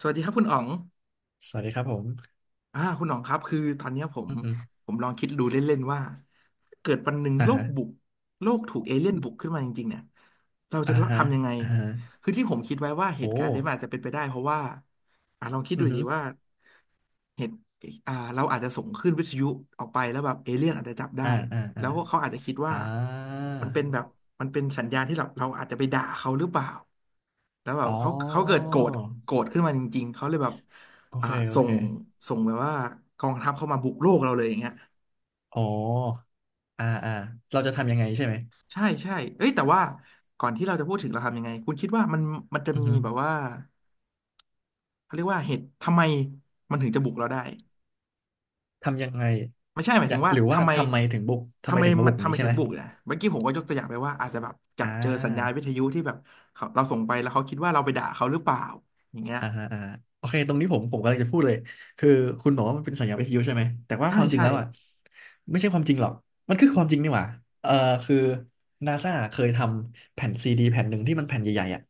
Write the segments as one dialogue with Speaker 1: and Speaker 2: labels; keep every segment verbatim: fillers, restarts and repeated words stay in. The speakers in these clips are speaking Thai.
Speaker 1: สวัสดีครับคุณอ๋อง
Speaker 2: สวัสดีครับผม
Speaker 1: อ่าคุณอ๋องครับคือตอนเนี้ยผม
Speaker 2: อือฮึ
Speaker 1: ผมลองคิดดูเล่นๆว่าเกิดวันหนึ่ง
Speaker 2: อ่า
Speaker 1: โลก
Speaker 2: ฮะ
Speaker 1: บุกโลกถูกเอเลี่ยนบุกขึ้นมาจริงๆเนี่ยเราจะ
Speaker 2: อ่าฮะ
Speaker 1: ทำยังไง
Speaker 2: อ่าฮะ
Speaker 1: คือที่ผมคิดไว้ว่าเหตุ
Speaker 2: โอ้
Speaker 1: การณ์นี้มันอาจจะเป็นไปได้เพราะว่าอ่าลองคิดดู
Speaker 2: อือฮึ
Speaker 1: ดีว่า เห็นอ่าเราอาจจะส่งขึ้นวิทยุออกไปแล้วแบบเอเลี่ยนอาจจะจับได้
Speaker 2: อ่าอ่าอ่า
Speaker 1: แล้วเขาอาจจะคิดว่า
Speaker 2: อ่า
Speaker 1: มันเป็นแบบมันเป็นสัญญาณที่เราเราอาจจะไปด่าเขาหรือเปล่าแล้วแบ
Speaker 2: อ๋
Speaker 1: บ
Speaker 2: อ
Speaker 1: เขาเขาเกิดโกรธโกรธขึ้นมาจริงๆเขาเลยแบบ
Speaker 2: โอ
Speaker 1: อ่า
Speaker 2: เค โอ
Speaker 1: ส่
Speaker 2: เค
Speaker 1: งส่งแบบว่ากองทัพเข้ามาบุกโลกเราเลยอย่างเงี้ย
Speaker 2: อ๋ออ่า อ่า เราจะทำยังไงใช่ไหม
Speaker 1: ใช่ใช่เอ้ยแต่ว่าก่อนที่เราจะพูดถึงเราทำยังไงคุณคิดว่ามันมันจะ
Speaker 2: อือ
Speaker 1: มี
Speaker 2: ฮึ
Speaker 1: แบบว่าเขาเรียกว่าเหตุทำไมมันถึงจะบุกเราได้
Speaker 2: ทำยังไง
Speaker 1: ไม่ใช่หมาย
Speaker 2: อ
Speaker 1: ถึ
Speaker 2: ยาก
Speaker 1: งว่า
Speaker 2: หรือว่า
Speaker 1: ทำไม
Speaker 2: ทำไมถึงบุกทำไม
Speaker 1: ทำไม
Speaker 2: ถึงมา
Speaker 1: มั
Speaker 2: บุ
Speaker 1: น
Speaker 2: กอย่า
Speaker 1: ทำ
Speaker 2: ง
Speaker 1: ไม
Speaker 2: นี้ใช่
Speaker 1: ถึ
Speaker 2: ไห
Speaker 1: ง
Speaker 2: ม
Speaker 1: บุกนะเมื่อกี้ผมก็ยกตัวอย่างไปว่าอาจจะแบบจั
Speaker 2: อ่
Speaker 1: บเจอสัญญาณ
Speaker 2: า
Speaker 1: วิทยุที่แบบเขาเราส่งไปแล้วเขาคิดว่าเราไปด่าเขาหรือเปล่าอย่างเงี้ย
Speaker 2: อ่าฮะอ่าฮะโอเคตรงนี้ผมผมกำลังจะพูดเลยคือคุณบอกว่ามันเป็นสัญญาวิทยุใช่ไหมแต่ว่า
Speaker 1: ใช่
Speaker 2: ความจริง
Speaker 1: ใช่
Speaker 2: แล้วอ่ะไม่ใช่ความจริงหรอกมันคือความจริงนี่หว่าเออคือนาซาเคยทำแผ่นซีดีแผ่นหนึ่งที่มันแผ่นใหญ่ๆอ่ะ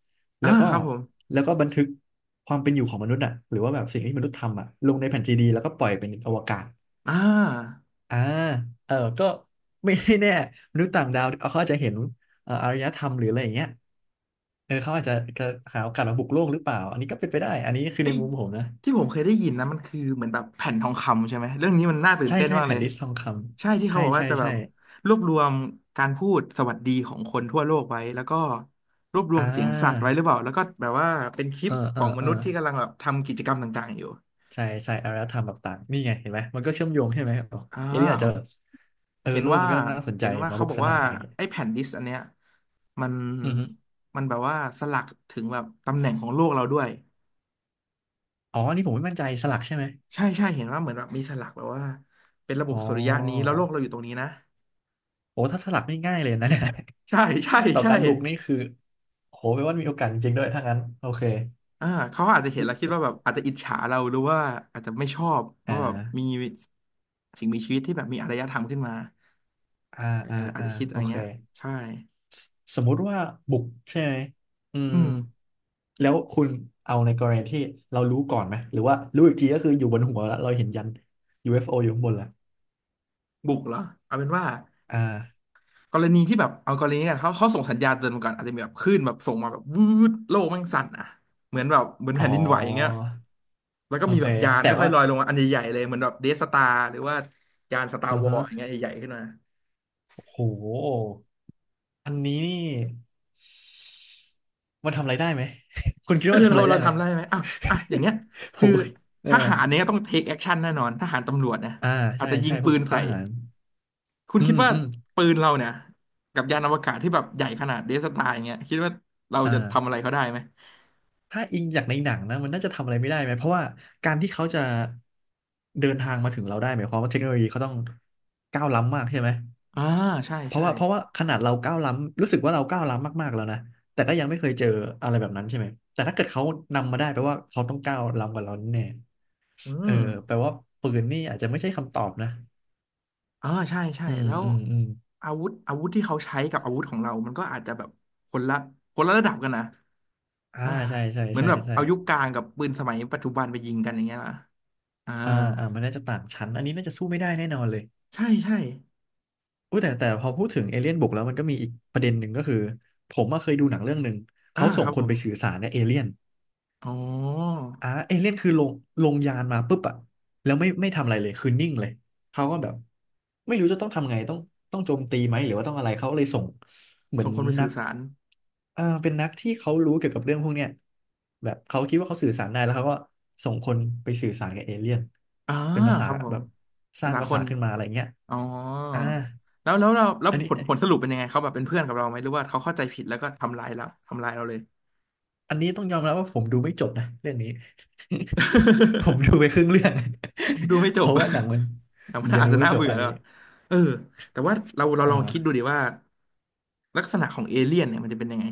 Speaker 1: อ่า
Speaker 2: แล้วก็
Speaker 1: ครับผม
Speaker 2: แล้วก็บันทึกความเป็นอยู่ของมนุษย์อ่ะหรือว่าแบบสิ่งที่มนุษย์ทำอ่ะลงในแผ่นซีดีแล้วก็ปล่อยเป็นอวกาศ
Speaker 1: อ่า
Speaker 2: อ่าเออก็ไม่ แน่มนุษย์ต่างดาวเขาอาจจะเห็นเอ่ออารยธรรมหรืออะไรอย่างเงี้ยเออเขาอาจจะจะหาโอกาสมาบุกโลกหรือเปล่า อันนี้ก็เป็นไปได้ อันนี้คือ
Speaker 1: เอ้
Speaker 2: ใน
Speaker 1: ย
Speaker 2: มุมผมนะ
Speaker 1: ที่ผมเคยได้ยินนะมันคือเหมือนแบบแผ่นทองคำใช่ไหมเรื่องนี้มันน่าตื่น
Speaker 2: ใช่
Speaker 1: เต้น
Speaker 2: ใช่
Speaker 1: มาก
Speaker 2: แผ่
Speaker 1: เล
Speaker 2: น
Speaker 1: ย
Speaker 2: ดิสทองค
Speaker 1: ใช่ที่
Speaker 2: ำ
Speaker 1: เขา
Speaker 2: ใช่
Speaker 1: บอกว่า
Speaker 2: ใช่
Speaker 1: จะแบ
Speaker 2: ใช่
Speaker 1: บรวบรวมการพูดสวัสดีของคนทั่วโลกไว้แล้วก็รวบรว
Speaker 2: อ่
Speaker 1: มเสียงสัตว์ไว้
Speaker 2: า
Speaker 1: หรือเปล่าแล้วก็แบบว่าเป็นคลิ
Speaker 2: เอ
Speaker 1: ป
Speaker 2: อ
Speaker 1: ข
Speaker 2: เอ
Speaker 1: อ
Speaker 2: อ
Speaker 1: งม
Speaker 2: เออ
Speaker 1: นุษย์ที่กำลังแบบทำกิจกรรมต่างๆอยู่
Speaker 2: ใช่ใช่อารยธรรมแบบต่างนี่ไงเห็นไหมมันก็เชื่อมโยงใช่ไหมอ๋อ
Speaker 1: อ่า
Speaker 2: เอเลี่ยนอาจจะแบบเออ
Speaker 1: เห็น
Speaker 2: โลก
Speaker 1: ว่า
Speaker 2: มันก็น่าสนใจ
Speaker 1: เห็นว่า
Speaker 2: มา
Speaker 1: เขา
Speaker 2: บุก
Speaker 1: บอก
Speaker 2: ซะหน่
Speaker 1: ว่า
Speaker 2: อยอะไรเงี้ย
Speaker 1: ไอ้แผ่นดิสก์อันเนี้ยมัน
Speaker 2: อือฮึ
Speaker 1: มันแบบว่าสลักถึงแบบตำแหน่งของโลกเราด้วย
Speaker 2: อ๋ออันนี่ผมไม่มั่นใจสลักใช่ไหม
Speaker 1: ใช่ใช่เห็นว่าเหมือนแบบมีสลักแบบว่าเป็นระบ
Speaker 2: อ๋
Speaker 1: บ
Speaker 2: อ
Speaker 1: สุริยะนี้แล้วโลกเราอยู่ตรงนี้นะ
Speaker 2: โอ้ถ้าสลักไม่ง่ายเลยนะเนี่ย
Speaker 1: ใช่ใช่
Speaker 2: ต่อ
Speaker 1: ใช่
Speaker 2: การบุกนี่คือ โหแปลว่ามีโอกาสจริงๆด้วยถ้างั้นโอเค
Speaker 1: อ่าเขาอาจจะเห็นแล้วคิดว่าแบบอาจจะอิจฉาเราหรือว่าอาจจะไม่ชอบ
Speaker 2: อ่
Speaker 1: ว่าแบบมี
Speaker 2: า
Speaker 1: สิ่งมีชีวิตที่แบบมีอารยธรรมขึ้นมา
Speaker 2: อ่า
Speaker 1: เออ
Speaker 2: อ่า
Speaker 1: อาจ
Speaker 2: อ่า
Speaker 1: จะคิดอะ
Speaker 2: โอ
Speaker 1: ไร
Speaker 2: เค
Speaker 1: เงี้ยใช่
Speaker 2: สสมมุติว่าบุกใช่ไหม อื
Speaker 1: อื
Speaker 2: ม
Speaker 1: ม
Speaker 2: แล้วคุณเอาในกรณีที่เรารู้ก่อนไหม หรือว่ารู้อีกทีก็คืออยู่บนหัวแล้วเราเห็นยัน ยู เอฟ โอ อฟโออยู่ข้างบนละ
Speaker 1: บุกเหรอเอาเป็นว่า
Speaker 2: อ่า
Speaker 1: กรณีที่แบบเอากรณีกันเขาเขาส่งสัญญาณเตือนมาก่อนอาจจะมีแบบคลื่นแบบส่งมาแบบวืดโลกแม่งสั่นอ่ะเหมือนแบบเหมือน
Speaker 2: อ๋อ
Speaker 1: แผ่นดินไหวอย่างเงี้ยแล้วก็
Speaker 2: โอ
Speaker 1: มี
Speaker 2: เค
Speaker 1: แบบยาน
Speaker 2: แต่
Speaker 1: ค่อ
Speaker 2: ว่า
Speaker 1: ยๆลอยลงมาอันใหญ่ๆเลยเหมือนแบบเดสตาร์หรือว่ายานสตา
Speaker 2: อื
Speaker 1: ร์
Speaker 2: อ
Speaker 1: วอ
Speaker 2: ฮะ
Speaker 1: ร์อย่างเงี้ยใหญ่ๆขึ้นมา
Speaker 2: โอ้โหอันนี้นี่ มันทำอะไรได้ไหม คุณคิด
Speaker 1: เอ
Speaker 2: ว่า
Speaker 1: อ
Speaker 2: มันทำ
Speaker 1: เรา
Speaker 2: อะไร
Speaker 1: เรา
Speaker 2: ได้ไหม
Speaker 1: ทำได้ไหมอ่ะอ่ะอย่างเงี้ย
Speaker 2: ผ
Speaker 1: คือ
Speaker 2: มว่าเอ
Speaker 1: ท
Speaker 2: อ
Speaker 1: หารเนี่ยต้องเทคแอคชั่นแน่นอนทหารตำรวจนะ
Speaker 2: อ่า
Speaker 1: อาจ
Speaker 2: ใช่
Speaker 1: จะยิ
Speaker 2: ใช่
Speaker 1: ง
Speaker 2: พว
Speaker 1: ปื
Speaker 2: ก
Speaker 1: น
Speaker 2: ท
Speaker 1: ใส่
Speaker 2: หาร
Speaker 1: คุณ
Speaker 2: อื
Speaker 1: คิด
Speaker 2: ม
Speaker 1: ว่า
Speaker 2: อืม
Speaker 1: ปืนเราเนี่ยกับยานอวกาศที่แบบใหญ่ขนาดเดสตาร์อย่างเงี้ยคิดว่าเราจะทำอะ
Speaker 2: อ่า
Speaker 1: ไรเขาได้ไหม
Speaker 2: ถ้าอิงจากในหนังนะมันน่าจะทำอะไรไม่ได้ไหมเพราะว่าการที่เขาจะเดินทางมาถึงเราได้หมายความว่าเทคโนโลยีเขาต้องก้าวล้ำมากใช่ไหม
Speaker 1: อ่าใช่
Speaker 2: เพราะ
Speaker 1: ใช่
Speaker 2: ว่าเพราะว่าขนาดเราก้าวล้ำรู้สึกว่าเราก้าวล้ำมากๆแล้วนะแต่ก็ยังไม่เคยเจออะไรแบบนั้นใช่ไหมแต่ถ้าเกิดเขานำมาได้แปลว่าเขาต้องก้าวล้ำกว่าเราแน่
Speaker 1: อื
Speaker 2: ๆเออ
Speaker 1: ม
Speaker 2: แปลว่าปืนนี่อาจจะไม่ใช่คำตอบนะ
Speaker 1: เออใช่ใช่
Speaker 2: อืม
Speaker 1: แล้ว
Speaker 2: อืมอืม
Speaker 1: อาวุธอาวุธที่เขาใช้กับอาวุธของเรา มันก็อาจจะแบบคนละคนละระดับกันนะ
Speaker 2: อ่า
Speaker 1: อ่า
Speaker 2: ใช่ใช่
Speaker 1: เหมือน
Speaker 2: ใช่
Speaker 1: แบบ
Speaker 2: ใช่
Speaker 1: เอายุคกลางกับปืนสมัยปัจจุบันไปยิงกันอย่างเงี้ยล่ะอ่า
Speaker 2: อ่าอ่ามันน่าจะต่างชั้นอันนี้น่าจะสู้ไม่ได้แน่นอนเลย
Speaker 1: ใช่ใช่
Speaker 2: อู้แต่แต่พอพูดถึงเอเลี่ยนบุกแล้วมันก็มีอีกประเด็นหนึ่งก็คือผมอะเคยดูหนังเรื่องหนึ่ง
Speaker 1: อ่า
Speaker 2: เขาส่
Speaker 1: ค
Speaker 2: ง
Speaker 1: รับ
Speaker 2: ค
Speaker 1: ผ
Speaker 2: น
Speaker 1: ม
Speaker 2: ไปสื่อสารกับเอเลี่ยน
Speaker 1: อ๋อ
Speaker 2: อ่าเอเลี่ยนคือลงลงยานมาปุ๊บอะแล้วไม่ไม่ทำอะไรเลยคือนิ่งเลยเขาก็แบบไม่รู้จะต้องทำไงต้องต้องโจมตีไหมหรือว่าต้องอะไรเขาเลยส่งเหมือ
Speaker 1: ส่
Speaker 2: น
Speaker 1: งคนไป
Speaker 2: นั
Speaker 1: สื่อ
Speaker 2: ก
Speaker 1: สาร
Speaker 2: อ่าเป็นนักที่เขารู้เกี่ยวกับเรื่องพวกเนี้ยแบบเขาคิดว่าเขาสื่อสารได้แล้วเขาก็ส่งคนไปสื่อสารกับเอเลี่ยน
Speaker 1: อ่า
Speaker 2: เป็นภาษา
Speaker 1: ครับผ
Speaker 2: แบ
Speaker 1: ม
Speaker 2: บส
Speaker 1: ภา
Speaker 2: ร้าง
Speaker 1: ษา
Speaker 2: ภา
Speaker 1: ค
Speaker 2: ษา
Speaker 1: น
Speaker 2: ขึ้นมาอะไรเงี้ย
Speaker 1: อ๋อ
Speaker 2: อ่า
Speaker 1: แล้วแล้วเราแล้ว
Speaker 2: อัน
Speaker 1: ผ
Speaker 2: นี้
Speaker 1: ลผลสรุปเป็นยังไงเขาแบบเป็นเพื่อนกับเราไหมหรือว่าเขาเข้าใจผิดแล้วก็ทำร้ายเราทำร้ายเราเลย
Speaker 2: อันนี้ต้องยอมรับว่าผมดูไม่จบนะเรื่องนี้ ผมดูไปครึ่งเรื่อง
Speaker 1: ดูไม่
Speaker 2: เพ
Speaker 1: จบ
Speaker 2: ราะว่าหนังมัน
Speaker 1: แต่ว่า
Speaker 2: ยั ง
Speaker 1: อาจ
Speaker 2: ดู
Speaker 1: จะ
Speaker 2: ไม่
Speaker 1: น่า
Speaker 2: จบ
Speaker 1: เบื่อ
Speaker 2: อัน
Speaker 1: แล้ว
Speaker 2: นี้
Speaker 1: เออแต่ว่าเราเราลองคิดดู
Speaker 2: อ่า
Speaker 1: ดิว่าลักษณะของเอเลี่ยนเนี่ยมันจะเป็นยังไง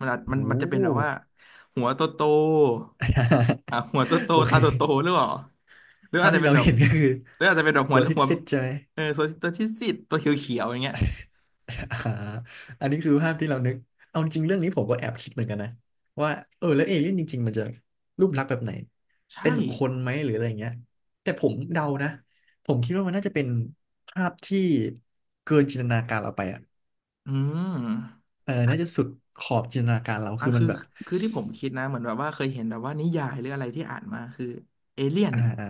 Speaker 1: มันอาจมัน
Speaker 2: โอ้
Speaker 1: มันจะเป็นแบบว่าหัวโตโตอ่ะ หัวโตโต
Speaker 2: โอเค
Speaker 1: ตาโตโตหรือเปล่าหรือ
Speaker 2: ภา
Speaker 1: อา
Speaker 2: พ
Speaker 1: จจะ
Speaker 2: ที่
Speaker 1: เป็น
Speaker 2: เรา
Speaker 1: แบบ
Speaker 2: เห็นก็คือ
Speaker 1: หรืออาจจะเป็นแบบหัว
Speaker 2: ตัวซ
Speaker 1: หัว
Speaker 2: ิดๆใช่ไหม
Speaker 1: เออตัวตัวที่สิบตัวเขียวๆอย่างเงี้ย
Speaker 2: อ่า อันนี้คือภาพที่เรานึกเอาจริงเรื่องนี้ผมก็แอบคิดเหมือนกันนะว่าเออแล้วเอเลี่ยนจริงๆมันจะรูปลักษณ์แบบไหนเป็
Speaker 1: ใช่
Speaker 2: นแบบคนไหมหรืออะไรอย่างเงี้ยแต่ผมเดานะผมคิดว่ามันน่าจะเป็นภาพที่เกินจินตนาการเราไปอ่ะ
Speaker 1: อืม
Speaker 2: เออน่าจะสุดขอบจินตนาการเรา
Speaker 1: อ่ะ
Speaker 2: คือมั
Speaker 1: คื
Speaker 2: น
Speaker 1: อ
Speaker 2: แบบ
Speaker 1: คือที่ผมคิดนะเหมือนแบบว่าเคยเห็นแบบว่านิยายหรืออะไรที่อ่านมา คือเอเลี่ยน
Speaker 2: อ่า
Speaker 1: เนี่ย
Speaker 2: อ่า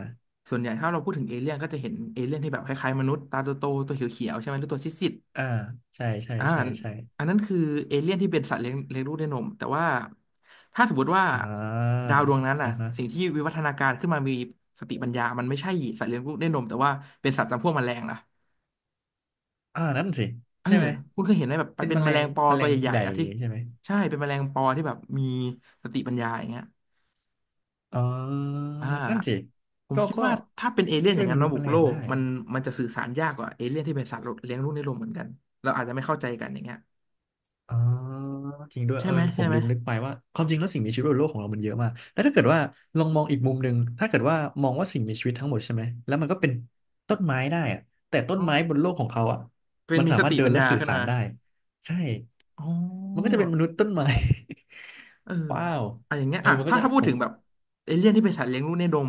Speaker 1: ส่วนใหญ่ถ้าเราพูดถึงเอเลี่ยนก็จะเห็นเอเลี่ยนที่แบบคล้ายๆมนุษย์ตาโตๆตัวเขียวๆใช่ไหมหรือตัวซีด
Speaker 2: อ่าใช่ใช่
Speaker 1: ๆอ่า
Speaker 2: ใช่ใช่
Speaker 1: อันนั้นคือเอเลี่ยนที่เป็นสัตว์เลี้ยงเลี้ยงลูกด้วยนม แต่ว่าถ้าสมมติว่า
Speaker 2: อ่า
Speaker 1: ดาวดวงนั้นอ่ะ
Speaker 2: อ่าฮะ
Speaker 1: สิ่งที่วิวัฒนาการขึ้นมามีสติปัญญามันไม่ใช่สัตว์เลี้ยงลูกด้วยนมแต่ว่าเป็นสัตว์จำพวกแมลงล่ะ
Speaker 2: อ่านั่นสิ
Speaker 1: เออ
Speaker 2: ใช่ไหม
Speaker 1: คุณเคยเห็นไหมแบบ
Speaker 2: เป็น
Speaker 1: เป็
Speaker 2: แม
Speaker 1: นแม
Speaker 2: ล
Speaker 1: ล
Speaker 2: ง
Speaker 1: งปอ
Speaker 2: แมล
Speaker 1: ตัว
Speaker 2: ง
Speaker 1: ใหญ่
Speaker 2: ใหญ่
Speaker 1: ๆอ่ะที่
Speaker 2: ใช่ไหม
Speaker 1: ใช่เป็นแมลงปอที่แบบมีสติปัญญาอย่างเงี้ย
Speaker 2: อ๋อ
Speaker 1: อ่
Speaker 2: นั่นสิ
Speaker 1: าผม
Speaker 2: ก็
Speaker 1: คิด
Speaker 2: ก็
Speaker 1: ว่าถ้าเป็นเอเลี่ยนอ
Speaker 2: ช่ว
Speaker 1: ย่า
Speaker 2: ย
Speaker 1: ง
Speaker 2: ม
Speaker 1: นั้น
Speaker 2: นุ
Speaker 1: มา
Speaker 2: ษย์
Speaker 1: บุ
Speaker 2: แม
Speaker 1: ก
Speaker 2: ล
Speaker 1: โล
Speaker 2: ง
Speaker 1: ก
Speaker 2: ได้
Speaker 1: มันมันจะสื่อสารยากกว่าเอเลี่ยนที่เป็นสัตว์เลี้ยงลูกในโลกเหมือนกันเราอาจจะไม่เข้าใจกันอย่างเงี้ย
Speaker 2: อ๋อจริงด้วย
Speaker 1: ใช่
Speaker 2: เออ
Speaker 1: ไหม
Speaker 2: ผ
Speaker 1: ใช่
Speaker 2: ม
Speaker 1: ไหม
Speaker 2: ลืมนึกไปว่าความจริงแล้วสิ่งมีชีวิตบนโลกของเรามันเยอะมากแต่ถ้าเกิดว่าลองมองอีกมุมหนึ่งถ้าเกิดว่ามองว่าสิ่งมีชีวิตทั้งหมดใช่ไหมแล้วมันก็เป็นต้นไม้ได้อะแต่ต้น
Speaker 1: อ๋อ
Speaker 2: ไม้บนโลกของเขาอ่ะ
Speaker 1: เป็น
Speaker 2: มัน
Speaker 1: มี
Speaker 2: สา
Speaker 1: ส
Speaker 2: มาร
Speaker 1: ติ
Speaker 2: ถเดิ
Speaker 1: ปั
Speaker 2: น
Speaker 1: ญ
Speaker 2: และ
Speaker 1: ญา
Speaker 2: สื่อ
Speaker 1: ขึ้น
Speaker 2: สา
Speaker 1: มา
Speaker 2: รได้ใช่
Speaker 1: อ๋อ
Speaker 2: มันก็จะเป็นมนุษย์ต้นไม้
Speaker 1: เออ
Speaker 2: ว้าว
Speaker 1: อ่ะอย่างเงี้ย
Speaker 2: เออ
Speaker 1: อ่ะ
Speaker 2: มันก็
Speaker 1: ถ้า
Speaker 2: จะ
Speaker 1: ถ้าพู
Speaker 2: ผ
Speaker 1: ดถึง
Speaker 2: ม
Speaker 1: แบบเอเลี่ยนที่เป็นสัตว์เลี้ยงลูกในดม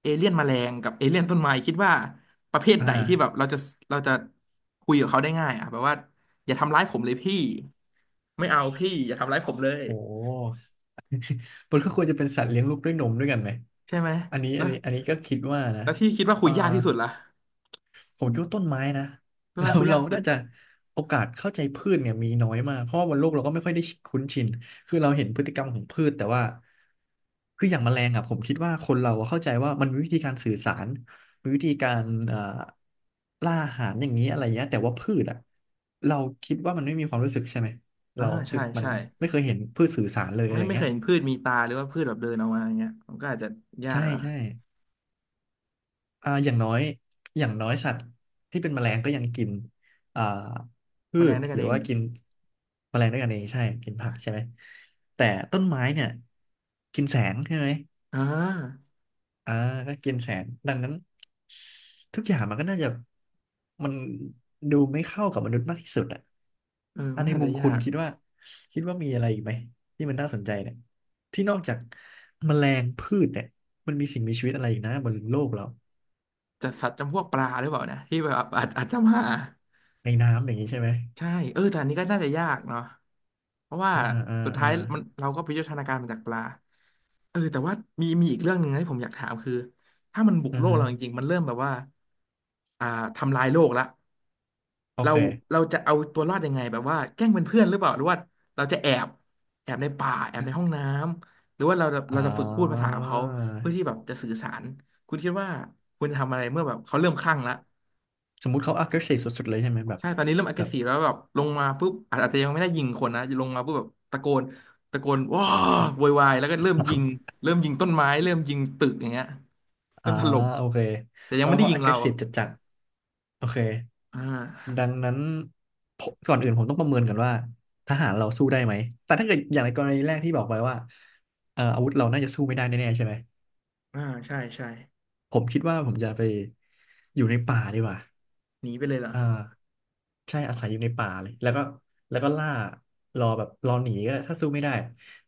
Speaker 1: เอเลี่ยนแมลงกับเอเลี่ยนต้นไม้คิดว่าประเภท
Speaker 2: อ
Speaker 1: ไหนที่แบบ
Speaker 2: ่า
Speaker 1: เราจะเราจะคุยกับเขาได้ง่ายอ่ะแบบว่าอย่าทำร้ายผมเลยพี่ไม่เอาพี่อย่าทำร้ายผมเลย
Speaker 2: โห มันก็ควรจะเป็นสัตว์เลี้ยงลูกด้วยนมด้วยกันไหม
Speaker 1: ใช่ไหม
Speaker 2: อันนี้อั
Speaker 1: แล้ว
Speaker 2: นนี้อันนี้ก็คิดว่านะ
Speaker 1: แล้วที่คิดว่าคุ
Speaker 2: เอ่อ
Speaker 1: ยยากที่สุดล่ะ
Speaker 2: ผมคิดว่าต้นไม้นะ
Speaker 1: พื ช
Speaker 2: เรา
Speaker 1: ไม้คุย
Speaker 2: เรา
Speaker 1: ยากสุด
Speaker 2: น่าจะโอกาสเข้าใจพืชเนี่ยมีน้อยมากเพราะว่าบนโลกเราก็ไม่ค่อยได้คุ้นชินคือเราเห็นพฤติกรรมของพืชแต่ว่าคืออย่างแมลงอ่ะผมคิดว่าคนเราอะเข้าใจว่ามันมีวิธีการสื่อสารมีวิธีการเอ่อล่าอาหารอย่างนี้อะไรเงี้ยแต่ว่าพืชอ่ะเราคิดว่ามันไม่มีความรู้สึกใช่ไหม
Speaker 1: อ่า
Speaker 2: เราสึ
Speaker 1: ใช่
Speaker 2: กมัน
Speaker 1: ใช่
Speaker 2: ไม่เคยเห็นพืชสื่อสารเลยอะ
Speaker 1: ไม่
Speaker 2: ไร
Speaker 1: ไม่เค
Speaker 2: เงี้ย
Speaker 1: ยเห็นพืชมีตาหรือว่าพืชแบบเดินออกมาอย่างเงี้ยมันก็อาจจะยา
Speaker 2: ใช่
Speaker 1: กนะ
Speaker 2: ใช่ อ่าอย่างน้อยอย่างน้อยสัตว์ที่เป็นแมลงก็ยังกินอ่า
Speaker 1: แม
Speaker 2: พื
Speaker 1: ลง
Speaker 2: ช
Speaker 1: ด้วยกั
Speaker 2: ห
Speaker 1: น
Speaker 2: รือ
Speaker 1: เอง
Speaker 2: ว่ากินแมลงด้วยกันเองใช่กินผักใช่ไหมแต่ต้นไม้เนี่ยกินแสงใช่ไหม
Speaker 1: อ่า
Speaker 2: อ่าก็กินแสงดังนั้นทุกอย่างมันก็น่าจะมันดูไม่เข้ากับมนุษย์มากที่สุดอ่ะ
Speaker 1: เออ
Speaker 2: อ่ะ
Speaker 1: มัน
Speaker 2: ใน
Speaker 1: อาจ
Speaker 2: มุ
Speaker 1: จะ
Speaker 2: มคุ
Speaker 1: ยา
Speaker 2: ณ
Speaker 1: ก
Speaker 2: คิดว่าคิดว่ามีอะไรอีกไหมที่มันน่าสนใจเนี่ยที่นอกจากแมลงพืชเนี่ยมันมีสิ่งมีชีวิตอะไรอีกนะบนโลกเรา
Speaker 1: จะสัตว์จำพวกปลาหรือเปล่านะที่แบบอาจอาจจะมา
Speaker 2: ในน้ำอย่างนี้ใช่ไหม
Speaker 1: ใช่เออแต่อันนี้ก็น่าจะยากเนาะเพราะว่า
Speaker 2: อ่าอ่า
Speaker 1: สุดท้า
Speaker 2: อ่า
Speaker 1: ยมันเราก็ไปยุทธนาการมาจากปลาเออแต่ว่ามีมีอีกเรื่องหนึ่งนะที่ผมอยากถามคือถ้ามันบุก
Speaker 2: อื
Speaker 1: โล
Speaker 2: อ
Speaker 1: ก
Speaker 2: ฮึ
Speaker 1: เราจริงๆมันเริ่มแบบว่าอ่าทำลายโลกละ
Speaker 2: โอ
Speaker 1: เรา
Speaker 2: เค
Speaker 1: เราจะเอาตัวรอดยังไงแบบว่าแกล้งเป็นเพื่อนหรือเปล่าหรือว่าเราจะแอบแอบในป่าแอบในห้องน้ำหรือว่าเรา
Speaker 2: อ่
Speaker 1: เราจะฝึกพูดภา
Speaker 2: า
Speaker 1: ษากับเขาเพื่อที่แบบจะสื่อสารคุณคิดว่าคุณจะทำอะไรเมื่อแบบเขาเริ่มคลั่งละ
Speaker 2: สมมุติเขา aggressive สุดๆเลยใช่ไหมแบบ
Speaker 1: ใช่ตอนนี้เริ่ม
Speaker 2: แบบ
Speaker 1: aggressive แล้วแบบลงมาปุ๊บอาจอาจจะยังไม่ได้ยิงคนนะลงมาปุ๊บแบบตะโกนตะโกนว้าโวยวายแล้วก็เริ่มยิงเริ่มยิงต้นไม้ เริ่มยิงตึกอย่างเงี้ย เริ่
Speaker 2: อ่า
Speaker 1: มถล่ม
Speaker 2: โอเค
Speaker 1: แต่ยั
Speaker 2: แล้
Speaker 1: ง
Speaker 2: ว
Speaker 1: ไม่
Speaker 2: พ
Speaker 1: ได้
Speaker 2: อ
Speaker 1: ยิงเรา
Speaker 2: aggressive จัดๆโอเค
Speaker 1: อ่า
Speaker 2: ดังนั้นผมก่อนอื่นผมต้องประเมินก่อนว่าทหารเราสู้ได้ไหมแต่ถ้าเกิดอย่างในกรณีแรกที่บอกไปว่าเอ่ออาวุธเราน่าจะสู้ไม่ได้แน่ๆใช่ไหม
Speaker 1: อ่าใช่ใช่
Speaker 2: ผมคิดว่าผมจะไปอยู่ในป่าดีกว่า
Speaker 1: หนีไปเลยเหรอ
Speaker 2: อ่าใช่อาศัยอยู่ในป่าเลยแล้วก็แล้วก็ล่ารอแบบรอหนีก็ได้ถ้าสู้ไม่ได้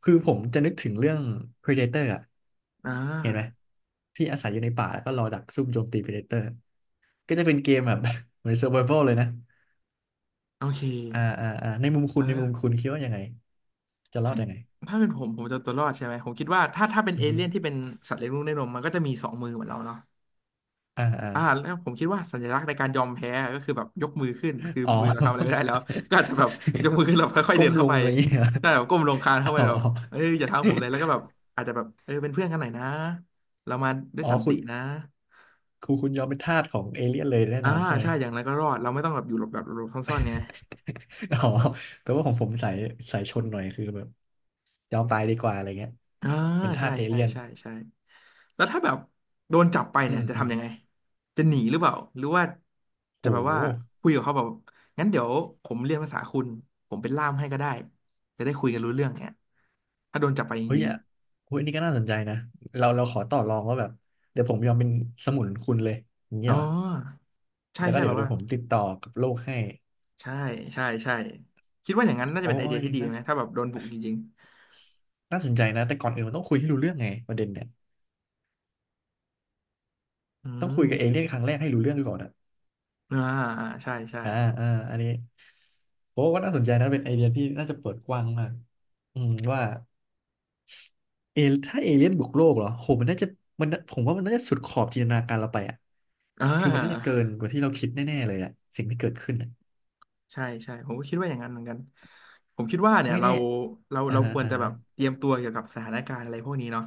Speaker 2: คือผมจะนึกถึงเรื่อง Predator อ่ะ
Speaker 1: อ่
Speaker 2: เห็นไหม
Speaker 1: า
Speaker 2: ที่อาศัยอยู่ในป่าแล้วก็รอดักซุ่มโจมตี Predator ก็จะเป็นเกมแบบ เหมือน Survival เลยนะ
Speaker 1: โอเค
Speaker 2: อ่าอ่าอ่าในมุมคุณในมุม
Speaker 1: อ่า
Speaker 2: คุณคิดว่ายังไงจะรอ
Speaker 1: ถ้า
Speaker 2: ดยังไง
Speaker 1: ถ้าเป็นผมผมจะเอาตัวรอดใช่ไหม ผมคิดว่าถ้าถ้าเป็น
Speaker 2: อื
Speaker 1: เอ
Speaker 2: อฮึ
Speaker 1: เลี่ยนที่เป็นสัตว์เลี้ยงลูกด้วยนมมันก็จะมีสองมือเหมือนเราเนาะ
Speaker 2: อ่าอ่า
Speaker 1: อ่าแล้วผมคิดว่าสัญลักษณ์ในการยอมแพ้ก็คือแบบยกมือขึ้นคือ
Speaker 2: อ๋อ
Speaker 1: มือเราทำอะไรไม่ได้แล้ วก็อาจจะแบบยกมือขึ้นเราค่อยๆ
Speaker 2: ก้
Speaker 1: เดิ
Speaker 2: ม
Speaker 1: น
Speaker 2: ล
Speaker 1: เข้า
Speaker 2: ง
Speaker 1: ไป
Speaker 2: อะไรอย่างเงี้ย
Speaker 1: ได้แบบก้มลงคลานเข้าไป
Speaker 2: อ๋
Speaker 1: แบบเอ้ย
Speaker 2: อ
Speaker 1: อย่าทำผมเลยแล้วก็แบบอาจจะแบบเออเป็นเพื่อนกันหน่อยนะเรามาด้วย
Speaker 2: อ๋อ
Speaker 1: สัน
Speaker 2: คุ
Speaker 1: ติ
Speaker 2: ณ
Speaker 1: นะ
Speaker 2: คุณคุณยอมเป็นทาสของเอเลี่ยนเลยแน่
Speaker 1: อ่า
Speaker 2: นอนใช่ไหม
Speaker 1: ใช่อย่างไรก็รอดเราไม่ต้องแบบอยู่หลบแบบหลบซ่อนๆไง
Speaker 2: อ๋อแต่ว่าของผมสายสายชนหน่อยคือแบบยอมตายดีกว่าอะไรเงี้ย
Speaker 1: อ่า
Speaker 2: เป็นทา
Speaker 1: ใช่
Speaker 2: สเอ
Speaker 1: ใช่
Speaker 2: เลี่ยน
Speaker 1: ใช่ใช่แล้วถ้าแบบโดนจับไป
Speaker 2: อื
Speaker 1: เนี่ย
Speaker 2: ม
Speaker 1: จะ
Speaker 2: อืม
Speaker 1: ทำยังไงจะหนีหรือเปล่าหรือว่าจะ
Speaker 2: โห
Speaker 1: แบบว่าคุยกับเขาแบบงั้นเดี๋ยวผมเรียนภาษาคุณผมเป็นล่ามให้ก็ได้จะได้คุยกันรู้เรื่องเนี่ยถ้าโดนจับไปจ
Speaker 2: เฮ้ย
Speaker 1: ริง
Speaker 2: อ่ะเฮ้ยอันนี่ก็น่าสนใจนะเราเราขอต่อรองว่าแบบเดี๋ยวผมยอมเป็นสมุนคุณเลยอย่าง
Speaker 1: ๆ
Speaker 2: เงี้
Speaker 1: อ๋
Speaker 2: ย
Speaker 1: อ
Speaker 2: เหรอ
Speaker 1: ใช่
Speaker 2: แล้วก็
Speaker 1: ใช่
Speaker 2: เดี๋
Speaker 1: แบ
Speaker 2: ยว
Speaker 1: บ
Speaker 2: เดี๋ย
Speaker 1: ว่า
Speaker 2: วผมติดต่อกับโลกให้
Speaker 1: ใช่ใช่ใช่คิดว่าอย่างนั้นน่าจะ
Speaker 2: โอ้
Speaker 1: เป็นไอเดี
Speaker 2: ย
Speaker 1: ยที่
Speaker 2: นี่
Speaker 1: ดี
Speaker 2: น่า
Speaker 1: ไหมถ้าแบบโดนบุกจริง
Speaker 2: น่าสนใจนะแต่ก่อนอื่นมันต้องคุยให้รู้เรื่องไงประเด็นเนี่ย
Speaker 1: ๆอื
Speaker 2: ต้อง
Speaker 1: ม
Speaker 2: คุยกับเอเลี่ยนครั้งแรกให้รู้เรื่องก่อนอะ
Speaker 1: อ่าอ่าใช่ใช่
Speaker 2: อ่าอ่าอันนี้โอ้ก็น่าสนใจนะเป็นไอเดียที่น่าจะเปิดกว้างมากอืมว่าเอถ้าเอเลี่ยนบุกโลกเหรอโหมันน่าจะมันน่ะผมว่ามันน่าจะสุดขอบจินตนาการเราไปอ่ะ
Speaker 1: อ่
Speaker 2: คือมันน่าจะเกิ
Speaker 1: า
Speaker 2: นกว่าที่เราคิดแน่ๆเลยอ่ะสิ่งที่เกิดขึ้นอะ
Speaker 1: ใช่ใช่ผมก็คิดว่าอย่างนั้นเหมือนกันผมคิดว่าเนี่ย
Speaker 2: ไม่
Speaker 1: เรา
Speaker 2: แน่
Speaker 1: เรา
Speaker 2: อ่า
Speaker 1: เรา
Speaker 2: ฮะ
Speaker 1: ควร
Speaker 2: อ่า
Speaker 1: จะ
Speaker 2: ฮะ
Speaker 1: แบบเตรียมตัวเกี่ยวกับสถานการณ์อะไรพวกนี้เนาะ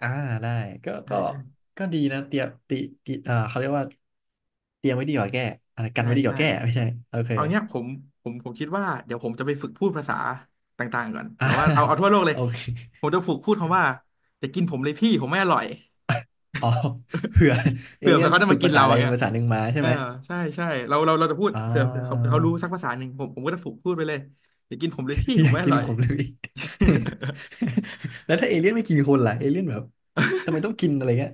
Speaker 2: อ่าได้ก็
Speaker 1: ใช่
Speaker 2: ก็
Speaker 1: ใช่
Speaker 2: ก็ดีนะเตรียมติติอ่าเขาเรียกว่าเตรียมไว้ดีกว่าแก้อะไรกั
Speaker 1: ใช่
Speaker 2: นไว้ดีก
Speaker 1: ใช่
Speaker 2: ว่าแก้ไม่ใช่โอเค
Speaker 1: เอาเนี้ยผมผมผมคิดว่าเดี๋ยวผมจะไปฝึกพูดภาษาต่างๆก่อน
Speaker 2: อ่า
Speaker 1: แบบว่าเอาเอาทั่วโลก เลย
Speaker 2: โอเค
Speaker 1: ผมจะฝึกพูดคำว่าอยากินผมเลยพี่ผมไม่อร่อย
Speaker 2: อ๋อเผื่อเอ
Speaker 1: เผื่อ
Speaker 2: เลี่
Speaker 1: เผื่
Speaker 2: ย
Speaker 1: อ
Speaker 2: น
Speaker 1: เขาจะ
Speaker 2: ฝึ
Speaker 1: มา
Speaker 2: ก
Speaker 1: กิ
Speaker 2: ภา
Speaker 1: น
Speaker 2: ษา
Speaker 1: เราอ
Speaker 2: ใด
Speaker 1: ย่างเงี้ย
Speaker 2: ภาษาหนึ่งมาใช่
Speaker 1: เออ
Speaker 2: ไหม
Speaker 1: ใช่ใช่เราเราเราจะพูด
Speaker 2: อ่
Speaker 1: เผื่อเผื่อเขาเผื่
Speaker 2: า
Speaker 1: อเขารู้สักภาษาหนึ่งผมผมก็จะฝึกพูดไปเลยอย่ากินผมเลยพี่
Speaker 2: อ
Speaker 1: ผม
Speaker 2: ยาก
Speaker 1: ไม่อ
Speaker 2: กิน
Speaker 1: ร่อย
Speaker 2: ผมเลยพี่ แล้วถ้าเอเลี่ยนไม่กินคนล่ะเอเลี่ยนแบบทำไมต้องกินอะไรเงี้ย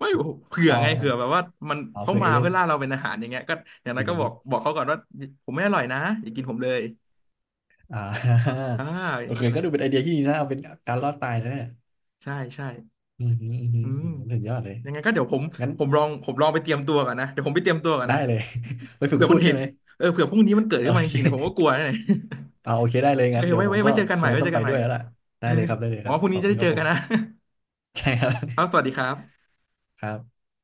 Speaker 1: ไม่เผื่อ
Speaker 2: อ๋อ
Speaker 1: ไงเผื่อแบบว่ามัน
Speaker 2: อ๋อ
Speaker 1: เขา
Speaker 2: เผื่อเอ
Speaker 1: มา
Speaker 2: เลี่ยน
Speaker 1: เพื่อล่าเราเป็นอาหารอย่างเงี้ยก็อย่าง
Speaker 2: กิ
Speaker 1: นั้
Speaker 2: น
Speaker 1: นก็
Speaker 2: ม
Speaker 1: บอ
Speaker 2: นุ
Speaker 1: ก
Speaker 2: ษย์
Speaker 1: บอกเขาก่อนว่าผมไม่อร่อยนะอย่ากินผมเลย
Speaker 2: อ่า
Speaker 1: อ่า อ
Speaker 2: โอ
Speaker 1: ย่าง
Speaker 2: เค
Speaker 1: งั้น
Speaker 2: ก็
Speaker 1: นะ
Speaker 2: ดูเป็นไอเดียที่ดีนะเอาเป็นการรอดตายนะเนี่ย
Speaker 1: ใช่ใช่
Speaker 2: อืมอหืมออื้อหือ
Speaker 1: อืม
Speaker 2: อื้อหือสุดยอดเลย
Speaker 1: ยังไงก็เดี๋ยวผม
Speaker 2: งั้น
Speaker 1: ผมลองผมลองไปเตรียมตัวก่อนนะเดี๋ยวผมไปเตรียมตัวก่อน
Speaker 2: ได้
Speaker 1: นะ
Speaker 2: เลย ไปฝึก
Speaker 1: เผื่อ
Speaker 2: พู
Speaker 1: มั
Speaker 2: ด
Speaker 1: นเห
Speaker 2: ใช่
Speaker 1: ตุ
Speaker 2: ไหม
Speaker 1: เออเผื่อพรุ่งนี้มันเกิด
Speaker 2: โอ
Speaker 1: ขึ้นมาจ
Speaker 2: เค
Speaker 1: ริงๆเนี่ยผมก็กลัวนะเนี่ย
Speaker 2: เอาโอเคได้เลย
Speaker 1: เฮ้
Speaker 2: งั้น
Speaker 1: ย
Speaker 2: เดี๋ยว
Speaker 1: ไว้
Speaker 2: ผม
Speaker 1: ไว้
Speaker 2: ก็
Speaker 1: ไว้เจอกัน
Speaker 2: ค
Speaker 1: ให
Speaker 2: ง
Speaker 1: ม่
Speaker 2: จะ
Speaker 1: ไว้
Speaker 2: ต้
Speaker 1: เจ
Speaker 2: อง
Speaker 1: อ
Speaker 2: ไป
Speaker 1: กันให
Speaker 2: ด้
Speaker 1: ม่
Speaker 2: วยแล้วล่ะได้
Speaker 1: เออ
Speaker 2: เลยครับได้เลย
Speaker 1: ห
Speaker 2: ครั
Speaker 1: วัา
Speaker 2: บ
Speaker 1: พรุ่ง
Speaker 2: ข
Speaker 1: นี้
Speaker 2: อบ
Speaker 1: จะ
Speaker 2: คุ
Speaker 1: ได้
Speaker 2: ณค
Speaker 1: เจ
Speaker 2: รั
Speaker 1: อ
Speaker 2: บผ
Speaker 1: กั
Speaker 2: ม
Speaker 1: นนะ
Speaker 2: ใช่ครับ
Speaker 1: ครับสวัสดีครับ
Speaker 2: ครับ